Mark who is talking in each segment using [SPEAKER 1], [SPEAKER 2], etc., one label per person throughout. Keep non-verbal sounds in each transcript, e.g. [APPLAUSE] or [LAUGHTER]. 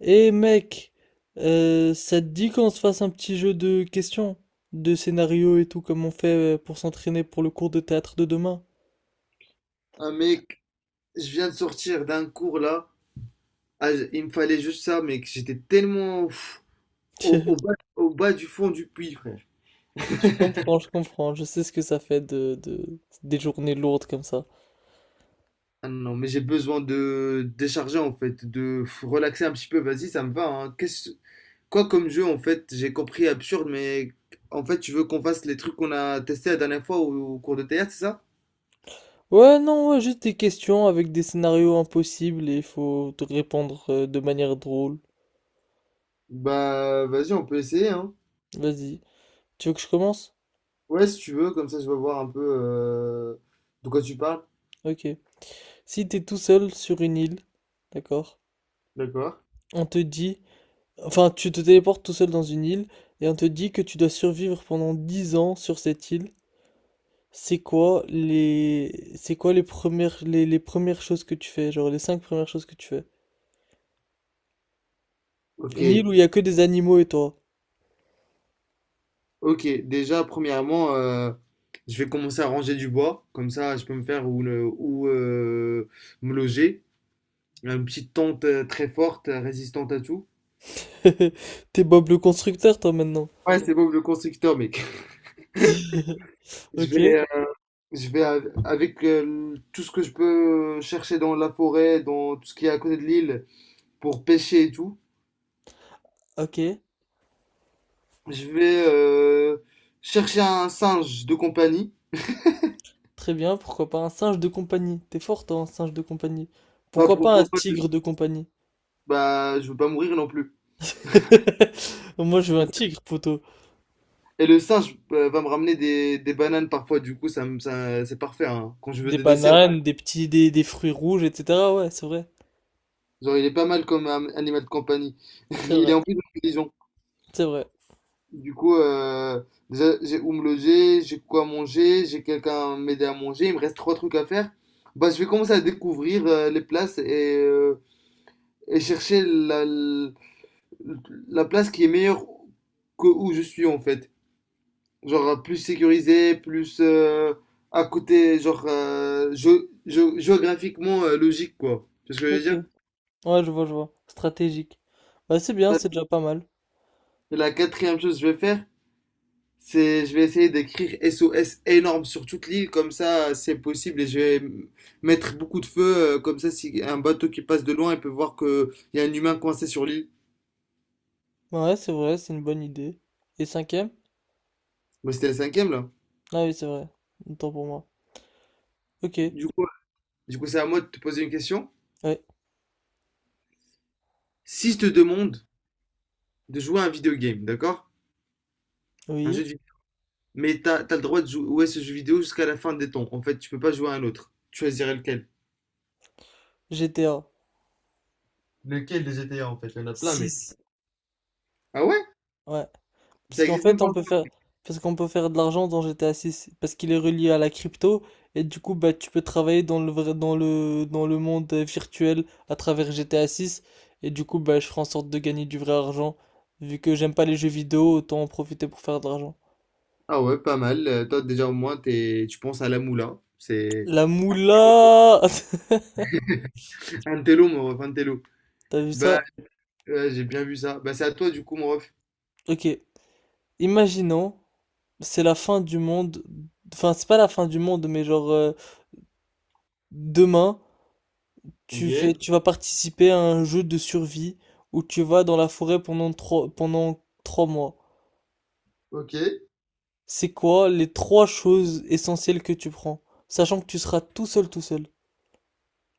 [SPEAKER 1] Eh mec, ça te dit qu'on se fasse un petit jeu de questions, de scénarios et tout, comme on fait pour s'entraîner pour le cours de théâtre de demain?
[SPEAKER 2] Ah mec, je viens de sortir d'un cours là. Ah, il me fallait juste ça, mec. J'étais tellement
[SPEAKER 1] [LAUGHS]
[SPEAKER 2] au,
[SPEAKER 1] Je
[SPEAKER 2] au bas, au bas du fond du puits, frère.
[SPEAKER 1] comprends, je comprends, je sais ce que ça fait des journées lourdes comme ça.
[SPEAKER 2] Ah non, mais j'ai besoin de décharger en fait, relaxer un petit peu. Vas-y, ça me va, hein. Quoi comme jeu en fait? J'ai compris absurde, mais en fait, tu veux qu'on fasse les trucs qu'on a testés la dernière fois au cours de théâtre, c'est ça?
[SPEAKER 1] Ouais, non, ouais, juste des questions avec des scénarios impossibles et il faut te répondre de manière drôle.
[SPEAKER 2] Bah, vas-y, on peut essayer, hein.
[SPEAKER 1] Vas-y. Tu veux que je commence?
[SPEAKER 2] Ouais, si tu veux, comme ça, je vais voir un peu de quoi tu parles.
[SPEAKER 1] Ok. Si t'es tout seul sur une île, d'accord,
[SPEAKER 2] D'accord.
[SPEAKER 1] on te dit. Enfin, tu te téléportes tout seul dans une île et on te dit que tu dois survivre pendant 10 ans sur cette île. C'est quoi les premières les premières choses que tu fais, genre les cinq premières choses que tu fais?
[SPEAKER 2] Ok.
[SPEAKER 1] Une île où il y a que des animaux et toi.
[SPEAKER 2] Ok, déjà, premièrement, je vais commencer à ranger du bois, comme ça je peux me faire où me loger. Une petite tente très forte, résistante à tout.
[SPEAKER 1] [LAUGHS] T'es Bob le constructeur toi maintenant.
[SPEAKER 2] Ouais, c'est Bob le constructeur, mec.
[SPEAKER 1] [LAUGHS]
[SPEAKER 2] [LAUGHS] Je
[SPEAKER 1] Ok,
[SPEAKER 2] vais, euh, je vais avec tout ce que je peux chercher dans la forêt, dans tout ce qui est à côté de l'île, pour pêcher et tout.
[SPEAKER 1] ok,
[SPEAKER 2] Je vais chercher un singe de compagnie.
[SPEAKER 1] très bien. Pourquoi pas un singe de compagnie? T'es fort toi, un singe de compagnie.
[SPEAKER 2] Pas
[SPEAKER 1] Pourquoi
[SPEAKER 2] pour,
[SPEAKER 1] pas un
[SPEAKER 2] pour-
[SPEAKER 1] tigre de compagnie?
[SPEAKER 2] Bah, je veux pas mourir non plus.
[SPEAKER 1] [LAUGHS] Moi je veux un tigre, poteau.
[SPEAKER 2] Et le singe va me ramener des bananes parfois, du coup, c'est parfait hein, quand je veux
[SPEAKER 1] Des
[SPEAKER 2] des desserts.
[SPEAKER 1] bananes, des petits des fruits rouges, etc. Ouais, c'est vrai,
[SPEAKER 2] Genre, il est pas mal comme animal de compagnie. [LAUGHS]
[SPEAKER 1] c'est
[SPEAKER 2] Il
[SPEAKER 1] vrai.
[SPEAKER 2] est en plus intelligent.
[SPEAKER 1] C'est vrai.
[SPEAKER 2] Du coup, déjà, j'ai où me loger, j'ai quoi manger, j'ai quelqu'un à m'aider à manger, il me reste trois trucs à faire. Bah, je vais commencer à découvrir les places et chercher la place qui est meilleure que où je suis en fait. Genre plus sécurisé, plus à côté, genre géographiquement logique, quoi. Tu vois ce que je veux
[SPEAKER 1] Ok.
[SPEAKER 2] dire?
[SPEAKER 1] Ouais, je vois, je vois. Stratégique. Bah, c'est bien, c'est déjà pas mal.
[SPEAKER 2] Et la quatrième chose que je vais faire, c'est je vais essayer d'écrire SOS énorme sur toute l'île, comme ça c'est possible et je vais mettre beaucoup de feux, comme ça si un bateau qui passe de loin, il peut voir qu'il y a un humain coincé sur l'île.
[SPEAKER 1] Bah ouais, c'est vrai, c'est une bonne idée. Et cinquième?
[SPEAKER 2] Moi c'était la cinquième là.
[SPEAKER 1] Ah oui, c'est vrai. Autant pour moi. Ok.
[SPEAKER 2] Du coup, du coup, c'est à moi de te poser une question.
[SPEAKER 1] Ouais.
[SPEAKER 2] Si je te demande de jouer à un vidéo game, d'accord? Un
[SPEAKER 1] Oui.
[SPEAKER 2] jeu de Mais t'as le droit de jouer ce jeu vidéo jusqu'à la fin des temps. En fait, tu peux pas jouer à un autre. Tu choisirais lequel?
[SPEAKER 1] GTA
[SPEAKER 2] Lequel des GTA en fait? Il y en a plein, mec.
[SPEAKER 1] six
[SPEAKER 2] Ah ouais?
[SPEAKER 1] Ouais. Parce
[SPEAKER 2] Ça
[SPEAKER 1] qu'en
[SPEAKER 2] existe même
[SPEAKER 1] fait,
[SPEAKER 2] pas.
[SPEAKER 1] on peut faire... Parce qu'on peut faire de l'argent dans GTA 6. Parce qu'il est relié à la crypto. Et du coup, bah, tu peux travailler dans le vrai... dans le monde virtuel à travers GTA 6. Et du coup, bah, je ferai en sorte de gagner du vrai argent. Vu que j'aime pas les jeux vidéo, autant en profiter pour faire de l'argent.
[SPEAKER 2] Ah ouais, pas mal. Toi, déjà, au moins, tu penses à la moula. C'est
[SPEAKER 1] La moula! [LAUGHS]
[SPEAKER 2] un télo, mon ref, un télo.
[SPEAKER 1] T'as vu
[SPEAKER 2] Bah,
[SPEAKER 1] ça?
[SPEAKER 2] j'ai bien vu ça. Bah, c'est à toi, du coup, mon ref.
[SPEAKER 1] Ok. Imaginons, c'est la fin du monde. Enfin, c'est pas la fin du monde, mais genre, demain, tu fais,
[SPEAKER 2] Ok,
[SPEAKER 1] tu vas participer à un jeu de survie où tu vas dans la forêt pendant 3 mois.
[SPEAKER 2] ok.
[SPEAKER 1] C'est quoi les trois choses essentielles que tu prends? Sachant que tu seras tout seul, tout seul.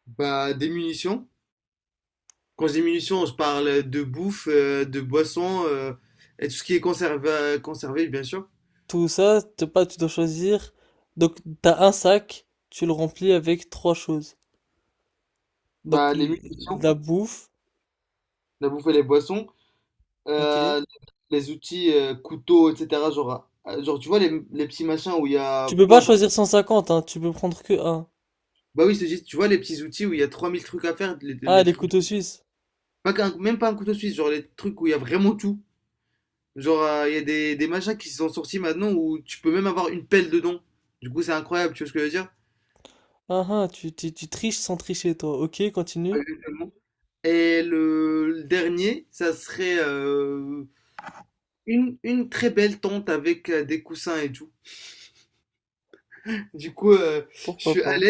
[SPEAKER 2] Bah, des munitions. Quand je dis munitions, je parle de bouffe, de boissons, et tout ce qui est conservé, conservé, bien sûr.
[SPEAKER 1] Tout ça, t'as pas, tu dois choisir. Donc, t'as un sac, tu le remplis avec trois choses. Donc,
[SPEAKER 2] Bah, les munitions,
[SPEAKER 1] la bouffe,
[SPEAKER 2] la bouffe et les boissons.
[SPEAKER 1] ok.
[SPEAKER 2] Euh, les outils couteaux, etc. Genre, tu vois les petits machins où il y a
[SPEAKER 1] Tu peux pas
[SPEAKER 2] plein de...
[SPEAKER 1] choisir 150, hein, tu peux prendre que un.
[SPEAKER 2] Bah oui, c'est juste, tu vois les petits outils où il y a 3000 trucs à faire, les,
[SPEAKER 1] Ah,
[SPEAKER 2] les
[SPEAKER 1] les
[SPEAKER 2] trucs...
[SPEAKER 1] couteaux suisses.
[SPEAKER 2] Pas qu'un- Même pas un couteau suisse, genre les trucs où il y a vraiment tout. Genre, il y a des machins qui sont sortis maintenant où tu peux même avoir une pelle dedans. Du coup, c'est incroyable, tu vois ce que je veux dire?
[SPEAKER 1] Ah ah, tu triches sans tricher, toi. Ok, continue.
[SPEAKER 2] Exactement. Et le dernier, ça serait une très belle tente avec des coussins et tout. Du coup, je
[SPEAKER 1] Pourquoi
[SPEAKER 2] suis
[SPEAKER 1] pas?
[SPEAKER 2] allé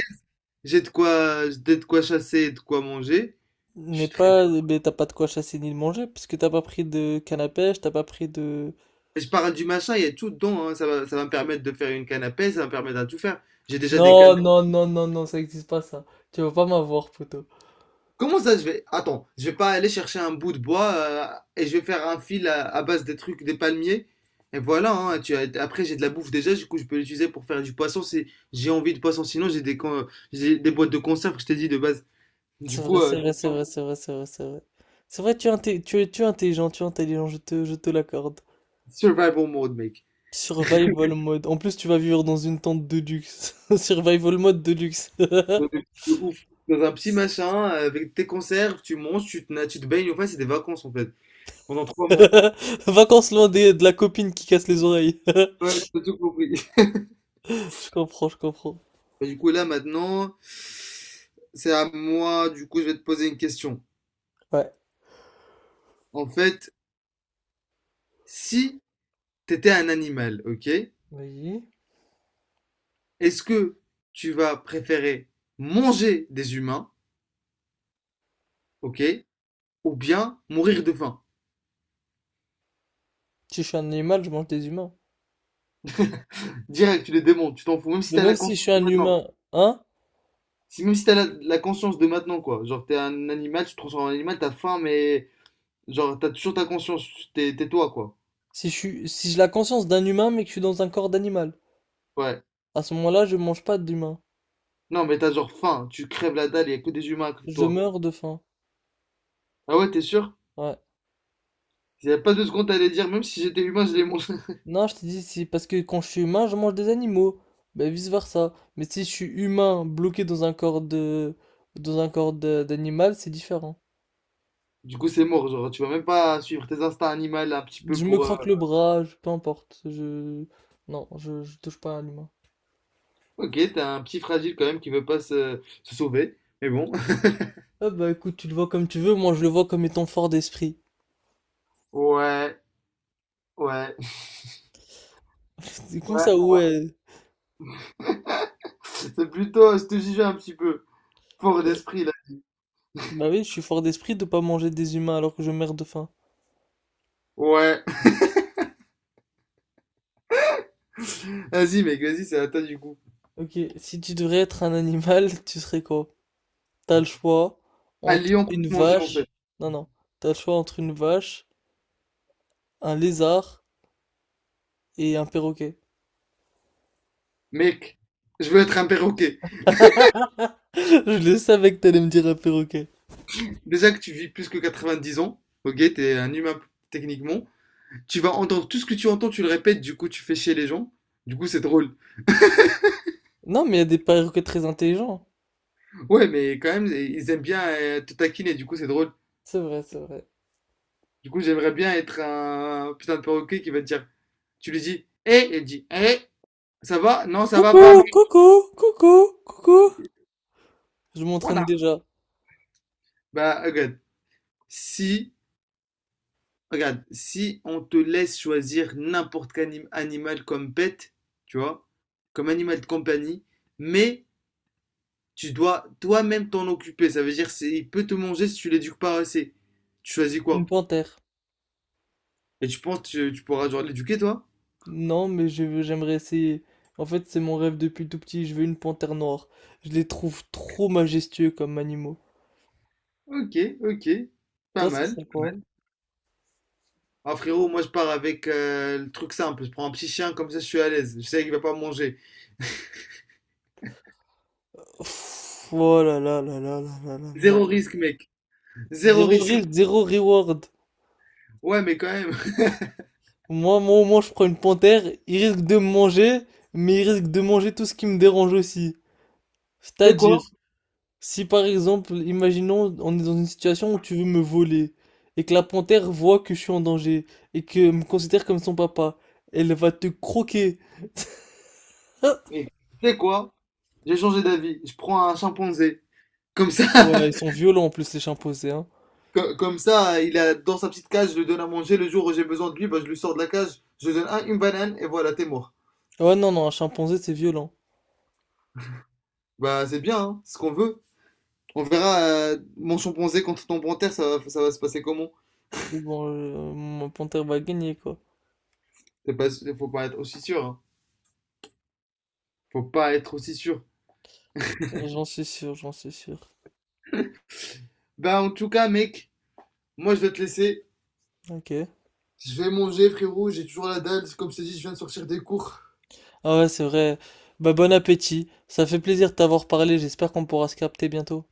[SPEAKER 2] J'ai de quoi chasser et de quoi manger. Je
[SPEAKER 1] Mais
[SPEAKER 2] suis très bien.
[SPEAKER 1] pas, mais t'as pas de quoi chasser ni de manger, puisque t'as pas pris de canne à pêche, t'as pas pris de...
[SPEAKER 2] Et je parle du machin, il y a tout dedans, hein. Ça va me permettre de faire une canne à pêche, ça va me permettre de tout faire. J'ai déjà des cannes.
[SPEAKER 1] Non,
[SPEAKER 2] de-
[SPEAKER 1] non, non, non, non, ça existe pas, ça. Tu vas pas m'avoir, poteau.
[SPEAKER 2] Comment ça, je vais... Attends, je vais pas aller chercher un bout de bois et je vais faire un fil à base des trucs, des palmiers. Et voilà, hein, après j'ai de la bouffe déjà, du coup je peux l'utiliser pour faire du poisson si j'ai envie de poisson. Sinon j'ai des boîtes de conserve que je t'ai dit de base.
[SPEAKER 1] C'est
[SPEAKER 2] Du
[SPEAKER 1] vrai,
[SPEAKER 2] coup,
[SPEAKER 1] c'est vrai, c'est vrai, c'est vrai, c'est vrai, c'est vrai. C'est vrai, tu es, tu es, tu es intelligent, je te l'accorde.
[SPEAKER 2] survival mode, mec.
[SPEAKER 1] Survival mode. En plus, tu vas vivre dans une tente de luxe. [LAUGHS] Survival mode de luxe. [LAUGHS]
[SPEAKER 2] Ouais, mais c'est de ouf. Dans un petit machin, avec tes conserves, tu manges, tu te baignes, enfin, c'est des vacances en fait, pendant 3 mois.
[SPEAKER 1] [LAUGHS] Vacances de la copine qui casse les oreilles.
[SPEAKER 2] Ouais,
[SPEAKER 1] [LAUGHS]
[SPEAKER 2] t'as tout compris.
[SPEAKER 1] Je comprends, je comprends.
[SPEAKER 2] [LAUGHS] Du coup, là maintenant, c'est à moi, du coup, je vais te poser une question.
[SPEAKER 1] Ouais.
[SPEAKER 2] En fait, si t'étais un animal, ok,
[SPEAKER 1] Voyez.
[SPEAKER 2] est-ce que tu vas préférer manger des humains, ok, ou bien mourir de faim?
[SPEAKER 1] Si je suis un animal, je mange des humains.
[SPEAKER 2] Direct, tu les démontes, tu t'en fous, même si
[SPEAKER 1] Mais
[SPEAKER 2] t'as
[SPEAKER 1] même
[SPEAKER 2] la
[SPEAKER 1] si je
[SPEAKER 2] conscience
[SPEAKER 1] suis
[SPEAKER 2] de
[SPEAKER 1] un
[SPEAKER 2] maintenant.
[SPEAKER 1] humain, hein?
[SPEAKER 2] Si, même si t'as la conscience de maintenant, quoi. Genre, t'es un animal, tu te transformes en animal, t'as faim, mais genre, t'as toujours ta conscience, t'es toi, quoi.
[SPEAKER 1] Si je suis, si j'ai la conscience d'un humain, mais que je suis dans un corps d'animal,
[SPEAKER 2] Ouais.
[SPEAKER 1] à ce moment-là, je mange pas d'humain.
[SPEAKER 2] Non, mais t'as genre faim, tu crèves la dalle, y a que des humains à côté de
[SPEAKER 1] Je
[SPEAKER 2] toi.
[SPEAKER 1] meurs de faim.
[SPEAKER 2] Ah ouais, t'es sûr?
[SPEAKER 1] Ouais.
[SPEAKER 2] Il y a pas deux secondes, t'allais dire, même si j'étais humain, je les mange. [LAUGHS]
[SPEAKER 1] Non, je t'ai dit, c'est parce que quand je suis humain, je mange des animaux. Ben vice-versa. Mais si je suis humain bloqué dans un corps dans un corps d'animal, c'est différent.
[SPEAKER 2] Du coup, c'est mort, genre, tu vas même pas suivre tes instincts animaux un petit peu
[SPEAKER 1] Je me
[SPEAKER 2] pour.
[SPEAKER 1] croque le bras, peu importe. Je... Non, je touche pas à l'humain.
[SPEAKER 2] Ok, t'es un petit fragile quand même qui veut pas se sauver, mais bon. [LAUGHS]
[SPEAKER 1] Ah bah écoute, tu le vois comme tu veux, moi je le vois comme étant fort d'esprit.
[SPEAKER 2] Ouais, ouais,
[SPEAKER 1] [LAUGHS] C'est comme
[SPEAKER 2] ouais.
[SPEAKER 1] ça, ouais.
[SPEAKER 2] C'est plutôt, je te jugeais un petit peu. Fort
[SPEAKER 1] Euh,
[SPEAKER 2] d'esprit, là.
[SPEAKER 1] Bah oui, je suis fort d'esprit de pas manger des humains alors que je meurs de faim.
[SPEAKER 2] Ouais. [LAUGHS] Vas-y, mec, vas-y, c'est à toi du coup.
[SPEAKER 1] Ok, si tu devrais être un animal, [LAUGHS] tu serais quoi? T'as le choix
[SPEAKER 2] Un
[SPEAKER 1] entre
[SPEAKER 2] lion peut
[SPEAKER 1] une
[SPEAKER 2] te manger, en fait.
[SPEAKER 1] vache. Non, non. T'as le choix entre une vache, un lézard et un perroquet.
[SPEAKER 2] Mec, je veux être un perroquet.
[SPEAKER 1] [LAUGHS] Je le savais que t'allais me dire un perroquet.
[SPEAKER 2] Déjà que tu vis plus que 90 ans, ok, t'es un humain techniquement. Tu vas entendre tout ce que tu entends, tu le répètes, du coup tu fais chier les gens. Du coup c'est drôle.
[SPEAKER 1] Non, mais il y a des perroquets très intelligents.
[SPEAKER 2] Ouais, mais quand même, ils aiment bien te taquiner, du coup c'est drôle.
[SPEAKER 1] C'est vrai, c'est vrai.
[SPEAKER 2] Du coup j'aimerais bien être un putain de perroquet qui va te dire, tu lui dis, hé, il dit, hé, ça va? Non, ça va pas,
[SPEAKER 1] Coucou,
[SPEAKER 2] mais
[SPEAKER 1] coucou, coucou, coucou. Je
[SPEAKER 2] voilà.
[SPEAKER 1] m'entraîne déjà.
[SPEAKER 2] Bah si, regarde, si on te laisse choisir n'importe quel animal comme pet, tu vois, comme animal de compagnie, mais tu dois toi-même t'en occuper. Ça veut dire c'est il peut te manger si tu l'éduques pas assez. Tu choisis
[SPEAKER 1] Une
[SPEAKER 2] quoi?
[SPEAKER 1] panthère.
[SPEAKER 2] Et tu penses que tu pourras genre l'éduquer toi?
[SPEAKER 1] Non, mais j'aimerais essayer. En fait, c'est mon rêve depuis tout petit. Je veux une panthère noire. Je les trouve trop majestueux comme animaux.
[SPEAKER 2] Ok, ok. Pas
[SPEAKER 1] Toi, ce
[SPEAKER 2] mal.
[SPEAKER 1] serait
[SPEAKER 2] Pas
[SPEAKER 1] quoi?
[SPEAKER 2] mal. Ah frérot, moi je pars avec le truc simple. Je prends un petit chien comme ça je suis à l'aise. Je sais qu'il va pas manger.
[SPEAKER 1] Pff, oh là là là là là là là là.
[SPEAKER 2] Zéro risque mec. Zéro
[SPEAKER 1] Zéro
[SPEAKER 2] risque.
[SPEAKER 1] risque, zéro reward.
[SPEAKER 2] Ouais mais quand même. [LAUGHS]
[SPEAKER 1] Moi, au moins, je prends une panthère. Il risque de me manger, mais il risque de manger tout ce qui me dérange aussi.
[SPEAKER 2] C'est
[SPEAKER 1] C'est-à-dire.
[SPEAKER 2] quoi?
[SPEAKER 1] Si par exemple, imaginons, on est dans une situation où tu veux me voler, et que la panthère voit que je suis en danger, et que me considère comme son papa, elle va te croquer. [LAUGHS]
[SPEAKER 2] Eh, c'est quoi? J'ai changé d'avis. Je prends un chimpanzé. Comme ça.
[SPEAKER 1] Ouais, ils sont violents en plus les chimpanzés, hein.
[SPEAKER 2] Comme ça, il est dans sa petite cage, je lui donne à manger. Le jour où j'ai besoin de lui, bah, je lui sors de la cage, je lui donne une banane et voilà, t'es mort.
[SPEAKER 1] Ouais, non, non, un chimpanzé c'est violent.
[SPEAKER 2] Bah, c'est bien, hein, c'est ce qu'on veut. On verra mon chimpanzé contre ton panthère, ça va se passer comment?
[SPEAKER 1] Mais bon, mon panthère va gagner, quoi.
[SPEAKER 2] C'est pas, faut pas être aussi sûr, hein. Faut pas être aussi sûr.
[SPEAKER 1] J'en suis sûr, j'en suis sûr.
[SPEAKER 2] Bah, en tout cas, mec, moi je vais te laisser.
[SPEAKER 1] Ok.
[SPEAKER 2] Je vais manger, frérot, j'ai toujours la dalle. Comme je t'ai dit, je viens de sortir des cours.
[SPEAKER 1] Ah ouais, c'est vrai. Bah bon appétit. Ça fait plaisir de t'avoir parlé, j'espère qu'on pourra se capter bientôt.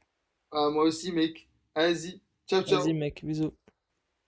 [SPEAKER 2] Ah, moi aussi, mec. Vas-y, ciao,
[SPEAKER 1] Vas-y
[SPEAKER 2] ciao.
[SPEAKER 1] mec, bisous.